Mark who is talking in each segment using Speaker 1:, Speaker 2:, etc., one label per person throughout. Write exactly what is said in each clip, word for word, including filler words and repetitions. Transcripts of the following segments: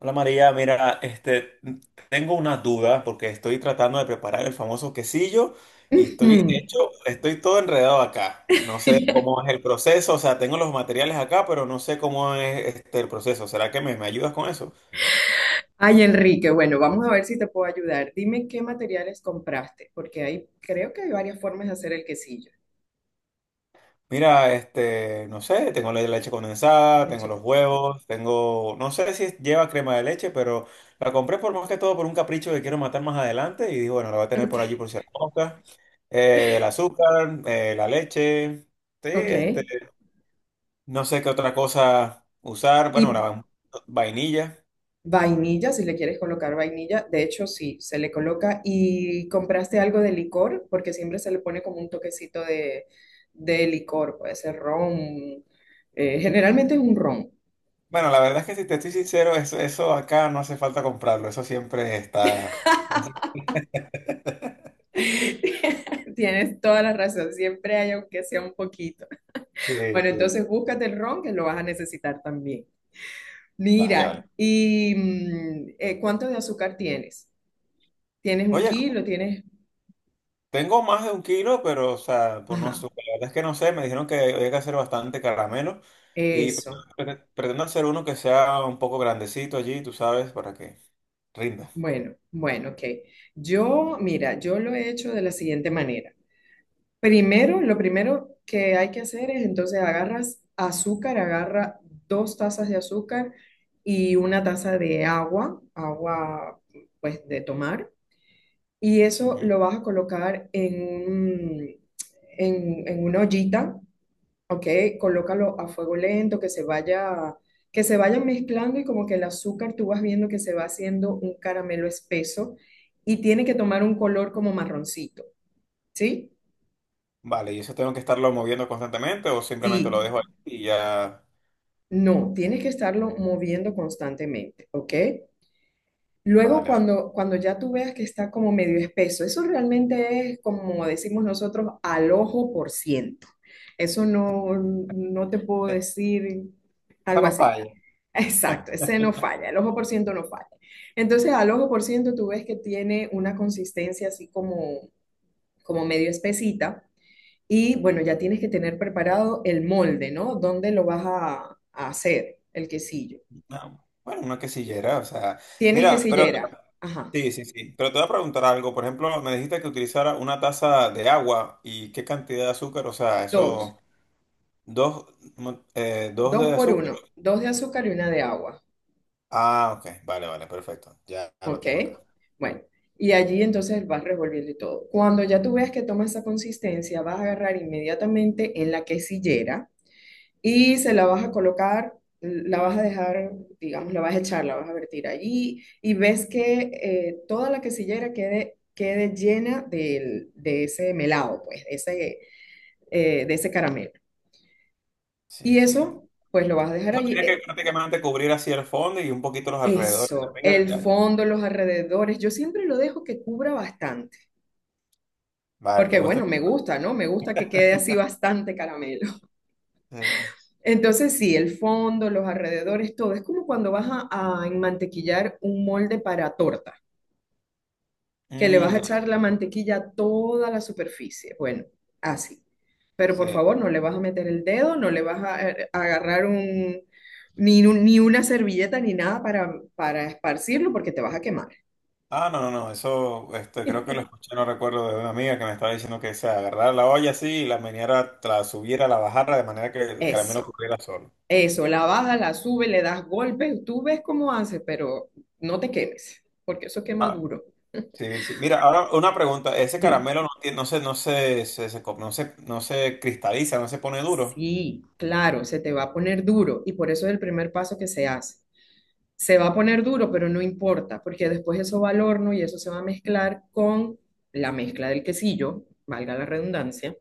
Speaker 1: Hola María, mira, este, tengo una duda porque estoy tratando de preparar el famoso quesillo y estoy
Speaker 2: Hmm.
Speaker 1: hecho, estoy todo enredado acá. No sé cómo es el proceso, o sea, tengo los materiales acá, pero no sé cómo es este el proceso. ¿Será que me, me ayudas con eso?
Speaker 2: Ay, Enrique, bueno, vamos a ver si te puedo ayudar. Dime qué materiales compraste, porque ahí creo que hay varias formas de hacer el quesillo.
Speaker 1: Mira, este, no sé, tengo la leche condensada, tengo
Speaker 2: Leche
Speaker 1: los
Speaker 2: con...
Speaker 1: huevos, tengo, no sé si lleva crema de leche, pero la compré por más que todo por un capricho que quiero matar más adelante y digo, bueno, la voy a tener por allí
Speaker 2: Ok,
Speaker 1: por si la mosca. Eh, el azúcar, eh, la leche, sí,
Speaker 2: ok.
Speaker 1: este, no sé qué otra cosa usar, bueno, la
Speaker 2: Y
Speaker 1: va- vainilla.
Speaker 2: vainilla, si le quieres colocar vainilla, de hecho sí, se le coloca. ¿Y compraste algo de licor? Porque siempre se le pone como un toquecito de, de licor, puede ser ron. Eh, generalmente es un ron.
Speaker 1: Bueno, la verdad es que si te estoy sincero, eso, eso acá no hace falta comprarlo, eso siempre está.
Speaker 2: Tienes toda la razón, siempre hay aunque sea un poquito.
Speaker 1: Sí,
Speaker 2: Bueno,
Speaker 1: sí, sí.
Speaker 2: entonces búscate el ron que lo vas a necesitar también.
Speaker 1: Vale, vale.
Speaker 2: Mira, ¿y mm, eh, cuánto de azúcar tienes? ¿Tienes un
Speaker 1: Oye,
Speaker 2: kilo? ¿Tienes?
Speaker 1: tengo más de un kilo, pero, o sea, por no sé,
Speaker 2: Ajá,
Speaker 1: la verdad es que no sé, me dijeron que había que hacer bastante caramelo y pre-
Speaker 2: eso.
Speaker 1: pre- pretendo hacer uno que sea un poco grandecito allí, tú sabes, para que rinda.
Speaker 2: Bueno, bueno, ok. Yo, mira, yo lo he hecho de la siguiente manera. Primero, lo primero que hay que hacer es entonces agarras azúcar, agarra dos tazas de azúcar y una taza de agua, agua pues de tomar, y eso
Speaker 1: Ujú.
Speaker 2: lo vas a colocar en, un- en en una ollita. Ok, colócalo a fuego lento, que se vaya, que se vaya mezclando y como que el azúcar tú vas viendo que se va haciendo un caramelo espeso y tiene que tomar un color como marroncito, ¿sí?
Speaker 1: Vale, ¿y eso tengo que estarlo moviendo constantemente o simplemente lo
Speaker 2: Sí,
Speaker 1: dejo ahí y ya?
Speaker 2: no, tienes que estarlo moviendo constantemente, ¿ok? Luego
Speaker 1: Vale, vale.
Speaker 2: cuando, cuando ya tú veas que está como medio espeso, eso realmente es como decimos nosotros al ojo por ciento. Eso no, no te puedo decir
Speaker 1: Esta
Speaker 2: algo
Speaker 1: no
Speaker 2: así.
Speaker 1: falla.
Speaker 2: Exacto, ese no falla, el ojo por ciento no falla. Entonces, al ojo por ciento tú ves que tiene una consistencia así como, como medio espesita y bueno, ya tienes que tener preparado el molde, ¿no? ¿Dónde lo vas a, a hacer el quesillo?
Speaker 1: No, bueno, una quesillera, o sea,
Speaker 2: Tienes
Speaker 1: mira, pero
Speaker 2: quesillera, ajá,
Speaker 1: sí, sí, sí, pero te voy a preguntar algo, por ejemplo, me dijiste que utilizara una taza de agua y qué cantidad de azúcar, o sea,
Speaker 2: dos,
Speaker 1: eso... Dos, mm, eh, dos
Speaker 2: dos
Speaker 1: de
Speaker 2: por
Speaker 1: azúcar.
Speaker 2: uno, dos de azúcar y una de agua,
Speaker 1: Ah, ok. Vale, vale, perfecto. Ya, ya lo
Speaker 2: ¿ok?
Speaker 1: tengo acá.
Speaker 2: Bueno, y allí entonces vas revolviendo y todo. Cuando ya tú veas que toma esa consistencia, vas a agarrar inmediatamente en la quesillera y se la vas a colocar, la vas a dejar, digamos, la vas a echar, la vas a vertir allí y ves que eh, toda la quesillera quede, quede llena del- de ese melado, pues, de ese, eh, de ese caramelo. Y
Speaker 1: Sí, sí, ya.
Speaker 2: eso, pues lo vas a dejar
Speaker 1: Eso
Speaker 2: allí.
Speaker 1: tiene que
Speaker 2: Eh,
Speaker 1: prácticamente cubrir así el fondo y un poquito los alrededores.
Speaker 2: Eso,
Speaker 1: De
Speaker 2: el
Speaker 1: Ya.
Speaker 2: fondo, los alrededores, yo siempre lo dejo que cubra bastante,
Speaker 1: Vale, ¿te
Speaker 2: porque
Speaker 1: gusta?
Speaker 2: bueno, me gusta, ¿no? Me gusta que quede así bastante caramelo.
Speaker 1: Sí.
Speaker 2: Entonces, sí, el fondo, los alrededores, todo. Es como cuando vas a, a enmantequillar un molde para torta, que le vas
Speaker 1: Mm,
Speaker 2: a
Speaker 1: ya,
Speaker 2: echar la mantequilla a toda la superficie. Bueno, así. Pero por
Speaker 1: sí.
Speaker 2: favor, no le vas a meter el dedo, no le vas a, eh, agarrar un, ni, un- ni una servilleta ni nada para, para esparcirlo porque te vas a quemar.
Speaker 1: Ah, no, no, no. Eso, este, creo que lo escuché, no recuerdo, de una amiga que me estaba diciendo que se agarrara la olla así y la meneara, la subiera, la bajara de manera que el caramelo
Speaker 2: Eso,
Speaker 1: cubriera solo.
Speaker 2: eso. La baja, la sube, le das golpes, tú ves cómo hace, pero no te quemes, porque eso quema
Speaker 1: Ah,
Speaker 2: duro.
Speaker 1: sí, sí. Mira, ahora una pregunta. Ese
Speaker 2: Dime.
Speaker 1: caramelo no tiene, no se, no se, se- se co- no se, no se cristaliza, no se pone duro.
Speaker 2: Sí, claro, se te va a poner duro y por eso es el primer paso que se hace. Se va a poner duro, pero no importa, porque después eso va al horno y eso se va a mezclar con la mezcla del quesillo, valga la redundancia,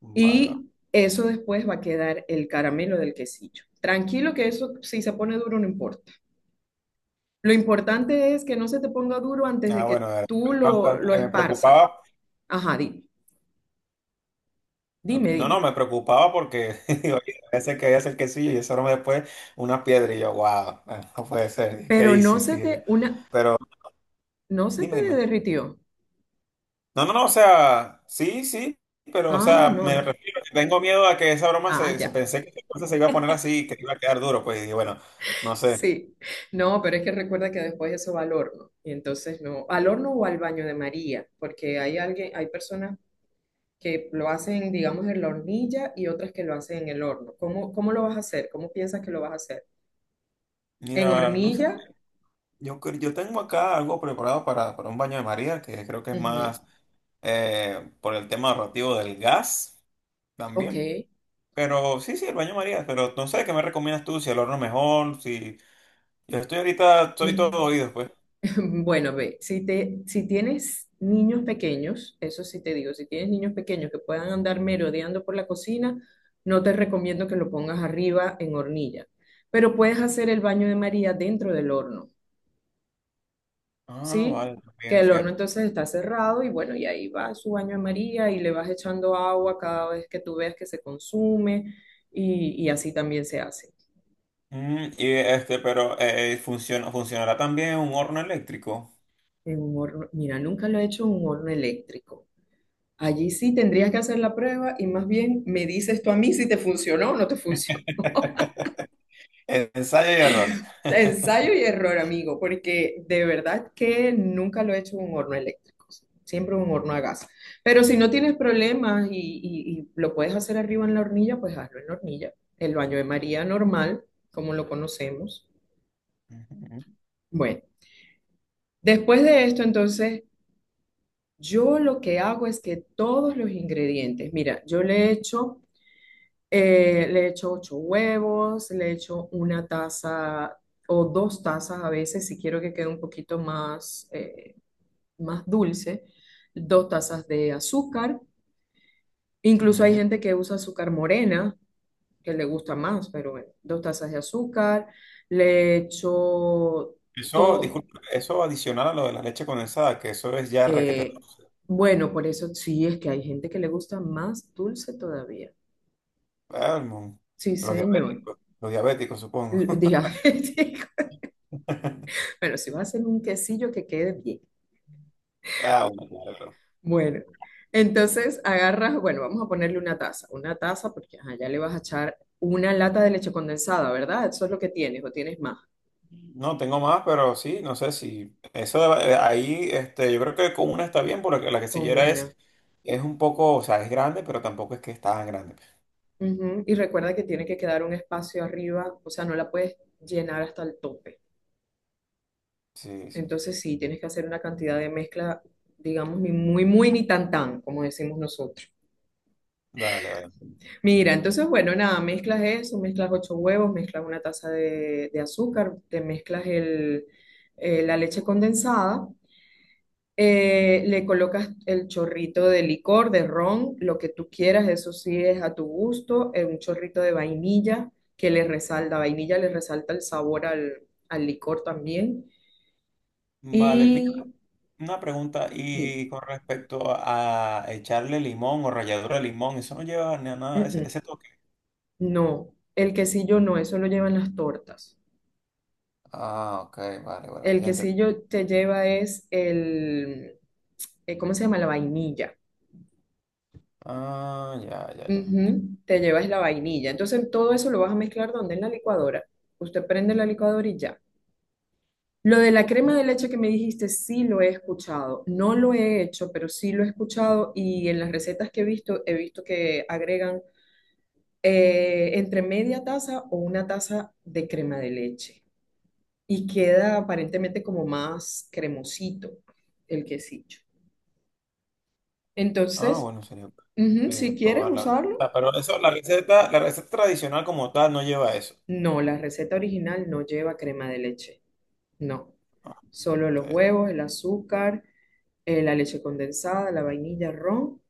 Speaker 1: Bueno,
Speaker 2: y eso después va a quedar el caramelo del quesillo. Tranquilo que eso si se pone duro no importa. Lo importante es que no se te ponga duro antes
Speaker 1: ah,
Speaker 2: de que
Speaker 1: bueno, era
Speaker 2: tú lo, lo
Speaker 1: bastante, me
Speaker 2: esparzas.
Speaker 1: preocupaba.
Speaker 2: Ajá, dime,
Speaker 1: Ok,
Speaker 2: dime,
Speaker 1: no, no,
Speaker 2: dime.
Speaker 1: me preocupaba porque digo, oye, ese que es el quesillo y ese aroma después una piedra y yo, wow, no puede ser, ¿qué
Speaker 2: Pero no
Speaker 1: hice?
Speaker 2: se
Speaker 1: Dije yo.
Speaker 2: te, una,
Speaker 1: Pero
Speaker 2: no se
Speaker 1: dime,
Speaker 2: te
Speaker 1: dime.
Speaker 2: derritió.
Speaker 1: No, no, no, o sea, sí, sí, pero o
Speaker 2: Ah,
Speaker 1: sea,
Speaker 2: no,
Speaker 1: me
Speaker 2: no.
Speaker 1: refiero, que tengo miedo a que esa broma
Speaker 2: Ah,
Speaker 1: se, se
Speaker 2: ya.
Speaker 1: pensé que esa cosa se iba a poner así, que iba a quedar duro, pues y bueno, no sé.
Speaker 2: Sí. No, pero es que recuerda que después eso va al horno. Y entonces no, al horno o al baño de María, porque hay alguien, hay personas que lo hacen, digamos, en la hornilla y otras que lo hacen en el horno. ¿Cómo, cómo lo vas a hacer? ¿Cómo piensas que lo vas a hacer? ¿En
Speaker 1: Mira, no sé,
Speaker 2: hornilla?
Speaker 1: yo, cre- yo tengo acá algo preparado para, para un baño de María, que creo que es
Speaker 2: Ujú.
Speaker 1: más... eh, por el tema narrativo del gas
Speaker 2: Ok.
Speaker 1: también. Pero sí, sí, el baño María, pero no sé qué me recomiendas tú, si el horno mejor, si yo estoy ahorita, estoy
Speaker 2: Me-
Speaker 1: todo oídos, pues.
Speaker 2: Bueno, ve, si te, si tienes niños pequeños, eso sí te digo, si tienes niños pequeños que puedan andar merodeando por la cocina, no te recomiendo que lo pongas arriba en hornilla, pero puedes hacer el baño de María dentro del horno,
Speaker 1: Ah, vale,
Speaker 2: ¿sí? Que
Speaker 1: también,
Speaker 2: el horno
Speaker 1: cierto.
Speaker 2: entonces está cerrado y bueno, y ahí va su baño de María y le vas echando agua cada vez que tú veas que se consume y, y así también se hace.
Speaker 1: Mm, y este, pero eh, eh, funciona, funcionará también un horno eléctrico.
Speaker 2: En un horno, mira, nunca lo he hecho en un horno eléctrico. Allí sí tendrías que hacer la prueba y más bien me dices tú a mí si te funcionó o no te funcionó.
Speaker 1: Eh, Ensayo y error.
Speaker 2: Ensayo y error, amigo, porque de verdad que nunca lo he hecho en un horno eléctrico, siempre en un horno a gas. Pero si no tienes problemas y, y- y lo puedes hacer arriba en la hornilla, pues hazlo en la hornilla, el baño de María normal, como lo conocemos.
Speaker 1: Ujú,
Speaker 2: Bueno, después de esto, entonces, yo lo que hago es que todos los ingredientes, mira, yo le echo Eh, le echo ocho huevos, le echo una taza o dos tazas a veces, si quiero que quede un poquito más, eh, más dulce, dos tazas de azúcar. Incluso hay
Speaker 1: ujú.
Speaker 2: gente que usa azúcar morena, que le gusta más, pero bueno, dos tazas de azúcar. Le echo
Speaker 1: Eso,
Speaker 2: todo.
Speaker 1: disculpa, eso adicional a lo de la leche condensada, que eso es ya requete.
Speaker 2: Bueno, por eso sí es que hay gente que le gusta más dulce todavía.
Speaker 1: Ah, mon,
Speaker 2: Sí,
Speaker 1: los
Speaker 2: señor.
Speaker 1: diabéticos, los diabéticos, supongo.
Speaker 2: Dígame. Bueno, si vas a hacer un quesillo que quede bien.
Speaker 1: Ah, bueno, claro.
Speaker 2: Bueno, entonces agarras, bueno, vamos a ponerle una taza, una taza porque allá ya le vas a echar una lata de leche condensada, ¿verdad? Eso es lo que tienes o tienes más
Speaker 1: No, tengo más, pero sí, no sé si eso de- eh, ahí, este, yo creo que con una está bien, porque la
Speaker 2: con
Speaker 1: quesillera
Speaker 2: una.
Speaker 1: es, es un poco, o sea, es grande, pero tampoco es que es tan grande.
Speaker 2: Ujú, y recuerda que tiene que quedar un espacio arriba, o sea, no la puedes llenar hasta el tope.
Speaker 1: Sí, sí.
Speaker 2: Entonces sí, tienes que hacer una cantidad de mezcla, digamos, ni muy, muy, ni tan, tan, como decimos nosotros.
Speaker 1: Dale, vale.
Speaker 2: Mira, entonces, bueno, nada, mezclas eso, mezclas ocho huevos, mezclas una taza de, de azúcar, te mezclas el, eh, la leche condensada, eh, le colocas el chorrito de licor, de ron, lo que tú quieras, eso sí es a tu gusto, eh, un chorrito de vainilla que le resalta, vainilla le resalta el sabor al, al licor también.
Speaker 1: Vale, mira,
Speaker 2: Y
Speaker 1: una pregunta,
Speaker 2: dime,
Speaker 1: y con respecto a echarle limón o ralladura de limón, eso no lleva ni a
Speaker 2: mm,
Speaker 1: nada, ese,
Speaker 2: mm,
Speaker 1: ese toque.
Speaker 2: no, el quesillo no, eso lo llevan las tortas.
Speaker 1: Ah, ok, vale, vale,
Speaker 2: El
Speaker 1: ya entendí.
Speaker 2: quesillo te lleva es el eh, ¿cómo se llama? La vainilla.
Speaker 1: Ah, ya, ya, ya. Li-
Speaker 2: Ujú, te llevas la vainilla. Entonces todo eso lo vas a mezclar donde en la licuadora. Usted prende la licuadora y ya. Lo de la
Speaker 1: mm,
Speaker 2: crema de leche que me dijiste, sí lo he escuchado. No lo he hecho, pero sí lo he escuchado y en las recetas que he visto, he visto que agregan eh, entre media taza o una taza de crema de leche y queda aparentemente como más cremosito el quesillo.
Speaker 1: ah,
Speaker 2: Entonces,
Speaker 1: bueno, sería bueno,
Speaker 2: ujú,
Speaker 1: eh, de
Speaker 2: si quieres
Speaker 1: probarla.
Speaker 2: usarlo.
Speaker 1: Ah, pero eso, la receta, la receta tradicional como tal no lleva eso.
Speaker 2: No, la receta original no lleva crema de leche. No. Solo los
Speaker 1: Ok.
Speaker 2: huevos, el azúcar, eh, la leche condensada, la vainilla, ron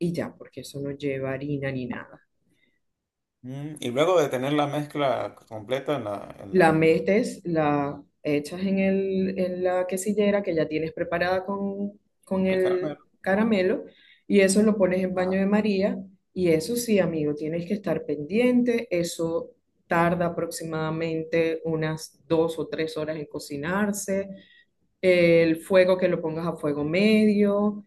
Speaker 2: y ya, porque eso no lleva harina ni nada.
Speaker 1: Mm, y luego de tener la mezcla completa en la, en
Speaker 2: La
Speaker 1: la,
Speaker 2: metes, la echas en el, en la quesillera que ya tienes preparada con, con
Speaker 1: el
Speaker 2: el
Speaker 1: caramelo.
Speaker 2: caramelo y eso lo pones en
Speaker 1: Ah,
Speaker 2: baño de María. Y eso sí, amigo, tienes que estar pendiente. Eso tarda aproximadamente unas dos o tres horas en cocinarse. El fuego que lo pongas a fuego medio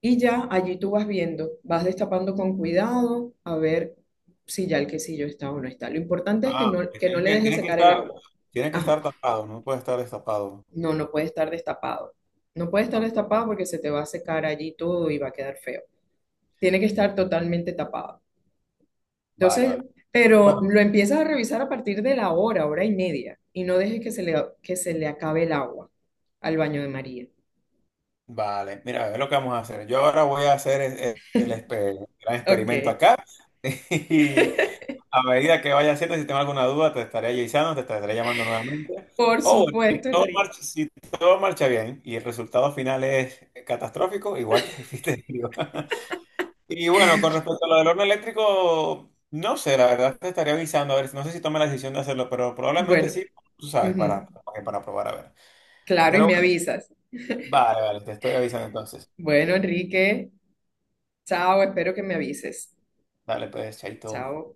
Speaker 2: y ya allí tú vas viendo, vas destapando con cuidado a ver si ya el quesillo está o no está. Lo importante es que
Speaker 1: ah,
Speaker 2: no,
Speaker 1: que
Speaker 2: que no
Speaker 1: tiene
Speaker 2: le
Speaker 1: que,
Speaker 2: dejes
Speaker 1: tiene que
Speaker 2: secar el
Speaker 1: estar,
Speaker 2: agua.
Speaker 1: tiene que
Speaker 2: Ajá,
Speaker 1: estar tapado, no puede estar destapado.
Speaker 2: no, no puede estar destapado. No puede estar destapado porque se te va a secar allí todo y va a quedar feo. Tiene que estar totalmente tapado.
Speaker 1: Vale, vale.
Speaker 2: Entonces,
Speaker 1: Bueno,
Speaker 2: pero lo empiezas a revisar a partir de la hora, hora y media, y no dejes que se le, que se le acabe el agua al baño de María.
Speaker 1: vale. Mira, a ver lo que vamos a hacer. Yo ahora voy a hacer es- es- el, exper- gran experimento
Speaker 2: Ok.
Speaker 1: acá. Y a medida que vaya haciendo, si tengo alguna duda, te estaré avisando, te estaré llamando nuevamente.
Speaker 2: Por
Speaker 1: O bueno, si
Speaker 2: supuesto,
Speaker 1: todo
Speaker 2: Enrique.
Speaker 1: marcha, si todo marcha bien y el resultado final es catastrófico, igual te fuiste de vivo. Y bueno, con respecto a lo del horno eléctrico, no sé, la verdad te estaría avisando, a ver, no sé si tome la decisión de hacerlo, pero probablemente
Speaker 2: Bueno,
Speaker 1: sí, tú sabes,
Speaker 2: ujú,
Speaker 1: para, para probar, a ver.
Speaker 2: claro, y
Speaker 1: Pero
Speaker 2: me
Speaker 1: bueno,
Speaker 2: avisas.
Speaker 1: vale, vale, te estoy avisando entonces.
Speaker 2: Bueno, Enrique, chao, espero que me avises.
Speaker 1: Dale, pues, chaito.
Speaker 2: Chao.